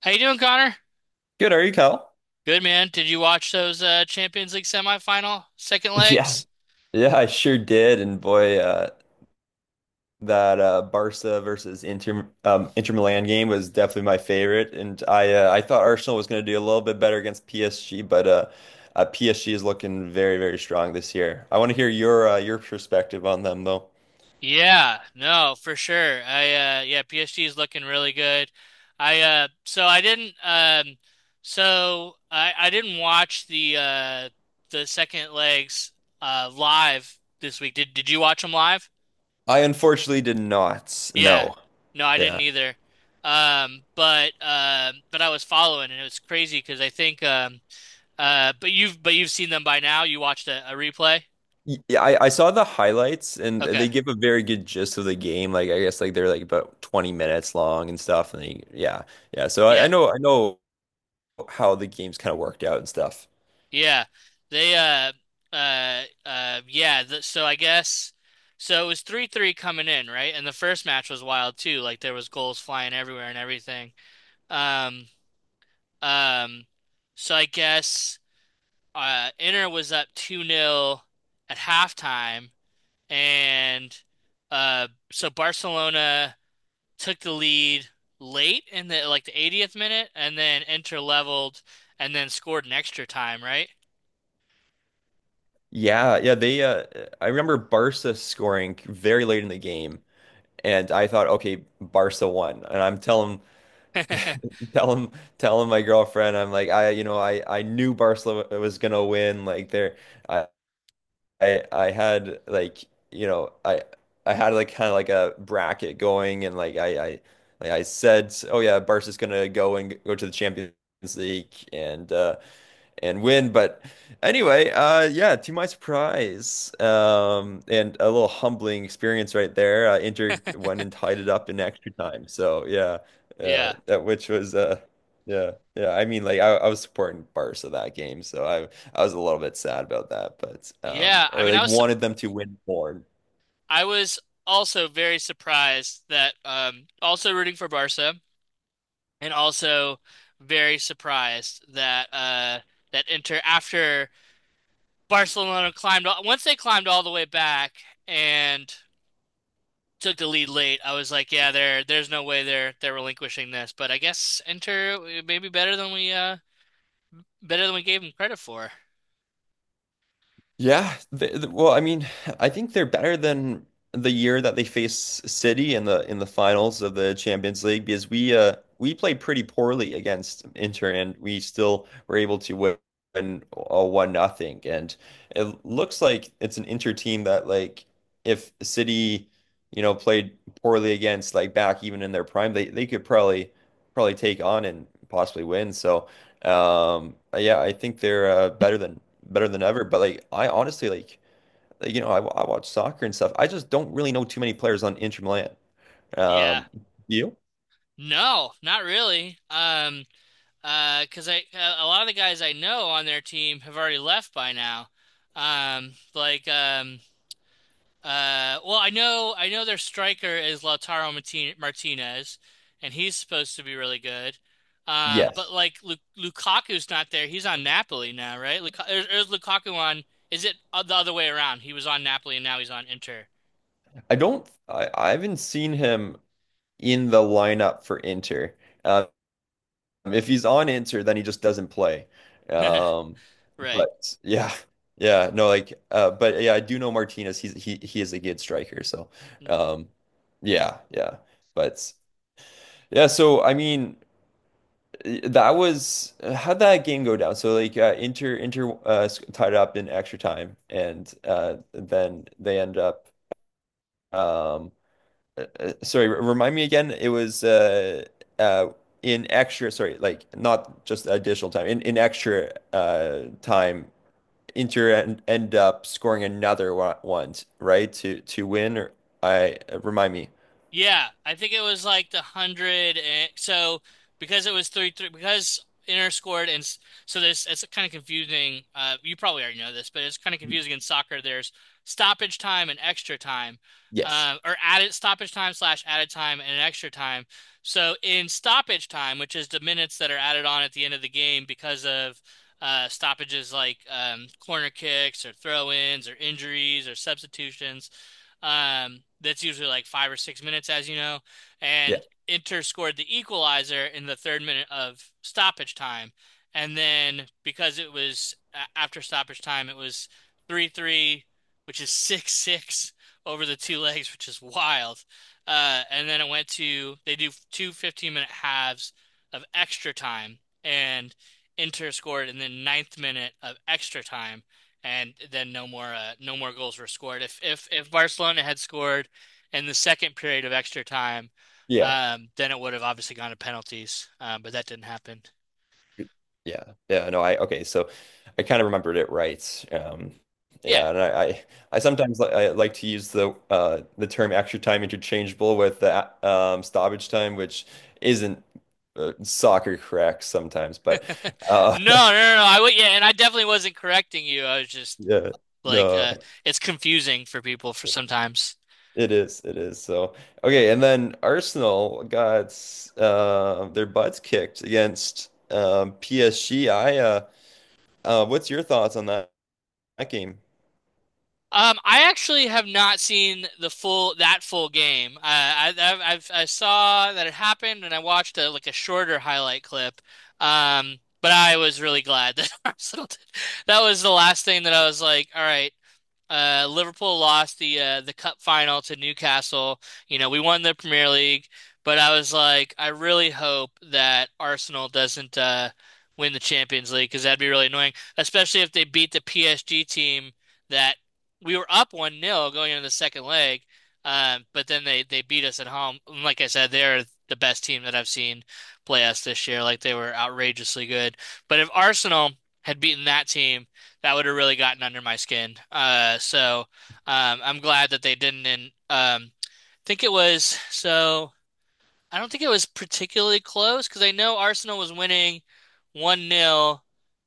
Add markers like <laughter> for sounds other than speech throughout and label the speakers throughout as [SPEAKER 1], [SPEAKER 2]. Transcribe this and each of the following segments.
[SPEAKER 1] How you doing, Connor?
[SPEAKER 2] Good, are you, Cal? <laughs>
[SPEAKER 1] Good man. Did you watch those Champions League semifinal second
[SPEAKER 2] Yeah,
[SPEAKER 1] legs?
[SPEAKER 2] yeah, I sure did. And boy, that Barca versus Inter Milan game was definitely my favorite. And I thought Arsenal was going to do a little bit better against PSG, but PSG is looking very, very strong this year. I want to hear your perspective on them, though.
[SPEAKER 1] Yeah, no, for sure. I yeah, PSG is looking really good. I so I didn't watch the second legs live this week. Did you watch them live?
[SPEAKER 2] I unfortunately did not.
[SPEAKER 1] Yeah.
[SPEAKER 2] No,
[SPEAKER 1] No, I didn't
[SPEAKER 2] yeah.
[SPEAKER 1] either. But I was following, and it was crazy because I think but you've seen them by now. You watched a replay.
[SPEAKER 2] Yeah, I saw the highlights and
[SPEAKER 1] Okay.
[SPEAKER 2] they give a very good gist of the game. Like I guess like they're like about 20 minutes long and stuff. And yeah, yeah. So I, I
[SPEAKER 1] Yeah.
[SPEAKER 2] know I know how the games kind of worked out and stuff.
[SPEAKER 1] Yeah. They yeah. Th so I guess so. It was 3-3 coming in, right? And the first match was wild too. Like, there was goals flying everywhere and everything. Um um. So I guess Inter was up two nil at halftime, and so Barcelona took the lead late, in the 80th minute, and then Inter leveled and then scored an extra time, right?
[SPEAKER 2] Yeah, yeah, they I remember Barca scoring very late in the game and I thought, okay, Barca won. And I'm telling
[SPEAKER 1] <laughs>
[SPEAKER 2] <laughs> telling telling my girlfriend, I'm like, I you know, I knew Barcelona was gonna win. Like I I had like you know, I had like kind of like a bracket going and like I like I said, oh yeah, Barca's gonna go and go to the Champions League and and win. But anyway, yeah, to my surprise, and a little humbling experience right there. Inter went and tied it up in extra time. So yeah,
[SPEAKER 1] Yeah.
[SPEAKER 2] that which was yeah, yeah. I mean, like I was supporting Barca that game, so I was a little bit sad about that, but
[SPEAKER 1] Yeah, I
[SPEAKER 2] or
[SPEAKER 1] mean I
[SPEAKER 2] like
[SPEAKER 1] was sup-
[SPEAKER 2] wanted them to win more.
[SPEAKER 1] I was also very surprised that also rooting for Barca, and also very surprised that that Inter, after Barcelona climbed once they climbed all the way back and took the lead late, I was like, yeah, there's no way they're relinquishing this. But I guess Inter, maybe better than we gave him credit for.
[SPEAKER 2] Yeah, well, I mean, I think they're better than the year that they faced City in the finals of the Champions League because we played pretty poorly against Inter and we still were able to win a one nothing and it looks like it's an Inter team that like if City you know played poorly against like back even in their prime they could probably take on and possibly win so. Yeah, I think they're better than ever. But I honestly like I watch soccer and stuff. I just don't really know too many players on Inter Milan.
[SPEAKER 1] Yeah.
[SPEAKER 2] Um, you?
[SPEAKER 1] No, not really. Cause I, a lot of the guys I know on their team have already left by now. Um, like um, well, I know their striker is Lautaro Martinez, and he's supposed to be really good. But
[SPEAKER 2] Yes.
[SPEAKER 1] like, Lu Lukaku's not there. He's on Napoli now, right? Or is Lukaku on? Is it the other way around? He was on Napoli, and now he's on Inter.
[SPEAKER 2] I don't. I haven't seen him in the lineup for Inter. Um, if he's on Inter, then he just doesn't play.
[SPEAKER 1] <laughs>
[SPEAKER 2] Um,
[SPEAKER 1] Right.
[SPEAKER 2] but yeah, yeah, no, like, but yeah, I do know Martinez. He is a good striker. So, um, yeah, yeah, but. Yeah, so I mean, that was— how'd that game go down? So like tied up in extra time, and then they end up— Um, sorry, remind me again. It was uh, in extra— sorry, like not just additional time. In extra time, Inter en end up scoring another one, one, right? To win. Or I remind me.
[SPEAKER 1] Yeah, I think it was like the hundred and so, because it was 3-3, because Inter scored and s- so this it's kind of confusing. You probably already know this, but it's kind of confusing in soccer. There's stoppage time and extra time,
[SPEAKER 2] Yes.
[SPEAKER 1] or added stoppage time slash added time and extra time. So in stoppage time, which is the minutes that are added on at the end of the game because of stoppages like corner kicks or throw-ins or injuries or substitutions. That's usually like 5 or 6 minutes, as you know.
[SPEAKER 2] Yeah.
[SPEAKER 1] And Inter scored the equalizer in the third minute of stoppage time. And then, because it was, after stoppage time, it was 3-3, which is 6-6 over the two legs, which is wild. And then they do 2-minute halves of extra time. And Inter scored in the ninth minute of extra time, and then no more goals were scored. If Barcelona had scored in the second period of extra time,
[SPEAKER 2] Yeah.
[SPEAKER 1] then it would have obviously gone to penalties. But that didn't happen.
[SPEAKER 2] Yeah. Yeah. No, I okay. So I kind of remembered it right.
[SPEAKER 1] Yeah.
[SPEAKER 2] Yeah, and I sometimes li I like to use the term extra time interchangeable with the stoppage time, which isn't soccer correct sometimes, but uh <laughs>
[SPEAKER 1] No, no, no, no. I would, yeah, and I definitely wasn't correcting you. I was just
[SPEAKER 2] yeah,
[SPEAKER 1] like,
[SPEAKER 2] no,
[SPEAKER 1] it's confusing for people for sometimes.
[SPEAKER 2] it is, it is. So okay, and then Arsenal got their butts kicked against PSG. I what's your thoughts on that game?
[SPEAKER 1] I actually have not seen the full that full game. I saw that it happened, and I watched like a shorter highlight clip. But I was really glad that <laughs> Arsenal did. That was the last thing that I was like, all right, Liverpool lost the cup final to Newcastle. You know, we won the Premier League, but I was like, I really hope that Arsenal doesn't win the Champions League, because that'd be really annoying, especially if they beat the PSG team that we were up one nil going into the second leg. But then they beat us at home. And, like I said, they're the best team that I've seen play us this year. Like, they were outrageously good. But if Arsenal had beaten that team, that would have really gotten under my skin. So I'm glad that they didn't. And, think it was so. I don't think it was particularly close, because I know Arsenal was winning one nil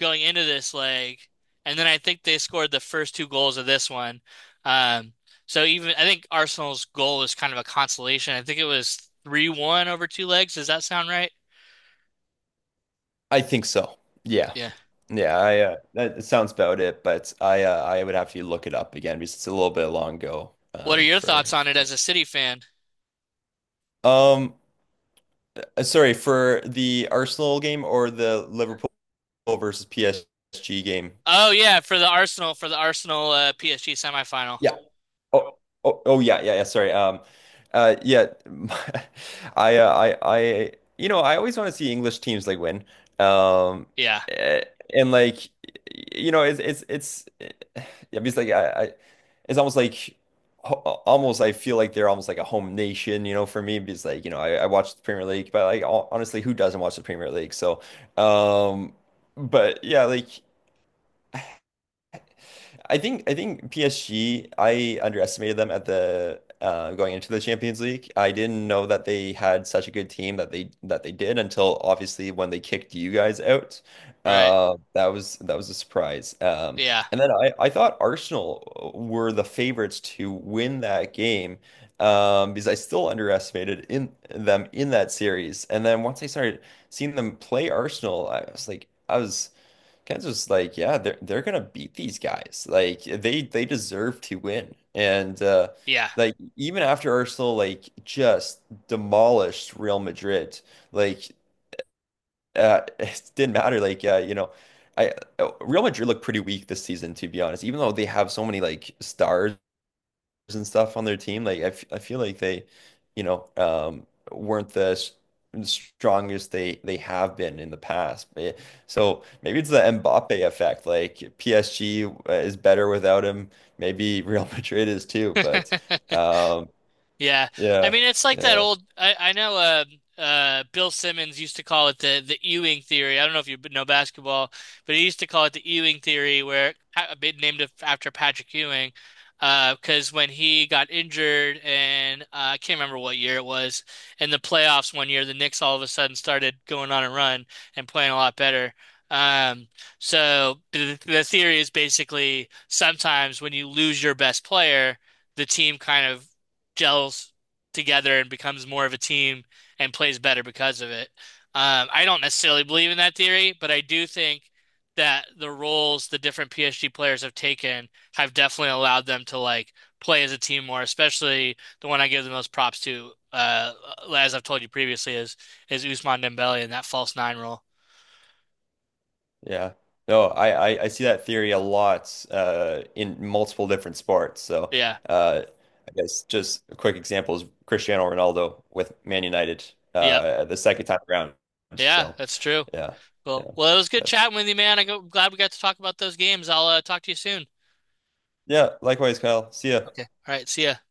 [SPEAKER 1] going into this leg, and then I think they scored the first two goals of this one. Um, so even I think Arsenal's goal was kind of a consolation. I think it was 3-1 over two legs. Does that sound right?
[SPEAKER 2] I think so. Yeah.
[SPEAKER 1] Yeah.
[SPEAKER 2] Yeah, I that sounds about it, but I would have to look it up again because it's a little bit long ago
[SPEAKER 1] What are your thoughts
[SPEAKER 2] for
[SPEAKER 1] on it as a City fan?
[SPEAKER 2] um sorry, for the Arsenal game or the Liverpool versus PSG game.
[SPEAKER 1] Oh yeah, for the Arsenal, PSG semifinal.
[SPEAKER 2] Yeah. Oh, oh, yeah, yeah, yeah. Sorry. Yeah, <laughs> I, uh, I, I, I always want to see English teams like win. Um,
[SPEAKER 1] Yeah,
[SPEAKER 2] eh, and like, you know, it's, eh, yeah, because it's almost like, almost, I feel like they're almost like a home nation, you know, for me, because like I watch the Premier League, but like, honestly, who doesn't watch the Premier League? So, um, but yeah, like— I think PSG, I underestimated them at the going into the Champions League. I didn't know that they had such a good team that they did until obviously when they kicked you guys out.
[SPEAKER 1] right.
[SPEAKER 2] That was a surprise.
[SPEAKER 1] Yeah,
[SPEAKER 2] And then I thought Arsenal were the favorites to win that game because I still underestimated in them in that series. And then once I started seeing them play Arsenal, I was— Kansas, like, yeah, they're gonna beat these guys. Like they deserve to win. And
[SPEAKER 1] yeah.
[SPEAKER 2] like even after Arsenal like just demolished Real Madrid, like <laughs> it didn't matter. Like you know, I Real Madrid looked pretty weak this season, to be honest, even though they have so many like stars and stuff on their team. Like I feel like they, you know, um, weren't the strongest they have been in the past. So maybe it's the Mbappe effect. Like PSG is better without him. Maybe Real <laughs> Madrid is too. But
[SPEAKER 1] <laughs>
[SPEAKER 2] um,
[SPEAKER 1] Yeah. I
[SPEAKER 2] yeah,
[SPEAKER 1] mean, it's like that
[SPEAKER 2] yeah.
[SPEAKER 1] old, I know Bill Simmons used to call it the Ewing theory. I don't know if you know basketball, but he used to call it the Ewing theory, where a bit named after Patrick Ewing, because when he got injured, and I can't remember what year it was, in the playoffs one year the Knicks all of a sudden started going on a run and playing a lot better. Um so the theory is basically, sometimes when you lose your best player, the team kind of gels together and becomes more of a team, and plays better because of it. I don't necessarily believe in that theory, but I do think that the roles the different PSG players have taken have definitely allowed them to, like, play as a team more, especially the one I give the most props to, as I've told you previously, is Ousmane Dembele and that false nine role.
[SPEAKER 2] Yeah. No, I see that theory a lot in multiple different sports. So
[SPEAKER 1] Yeah.
[SPEAKER 2] uh, I guess just a quick example is Cristiano Ronaldo with Man United
[SPEAKER 1] Yep.
[SPEAKER 2] the second time around.
[SPEAKER 1] Yeah,
[SPEAKER 2] So
[SPEAKER 1] that's true.
[SPEAKER 2] yeah,
[SPEAKER 1] Cool.
[SPEAKER 2] yeah,
[SPEAKER 1] Well, it was good
[SPEAKER 2] that's
[SPEAKER 1] chatting with you, man. I'm glad we got to talk about those games. I'll, talk to you soon.
[SPEAKER 2] yeah. Likewise, Kyle. See ya.
[SPEAKER 1] Okay. All right. See ya.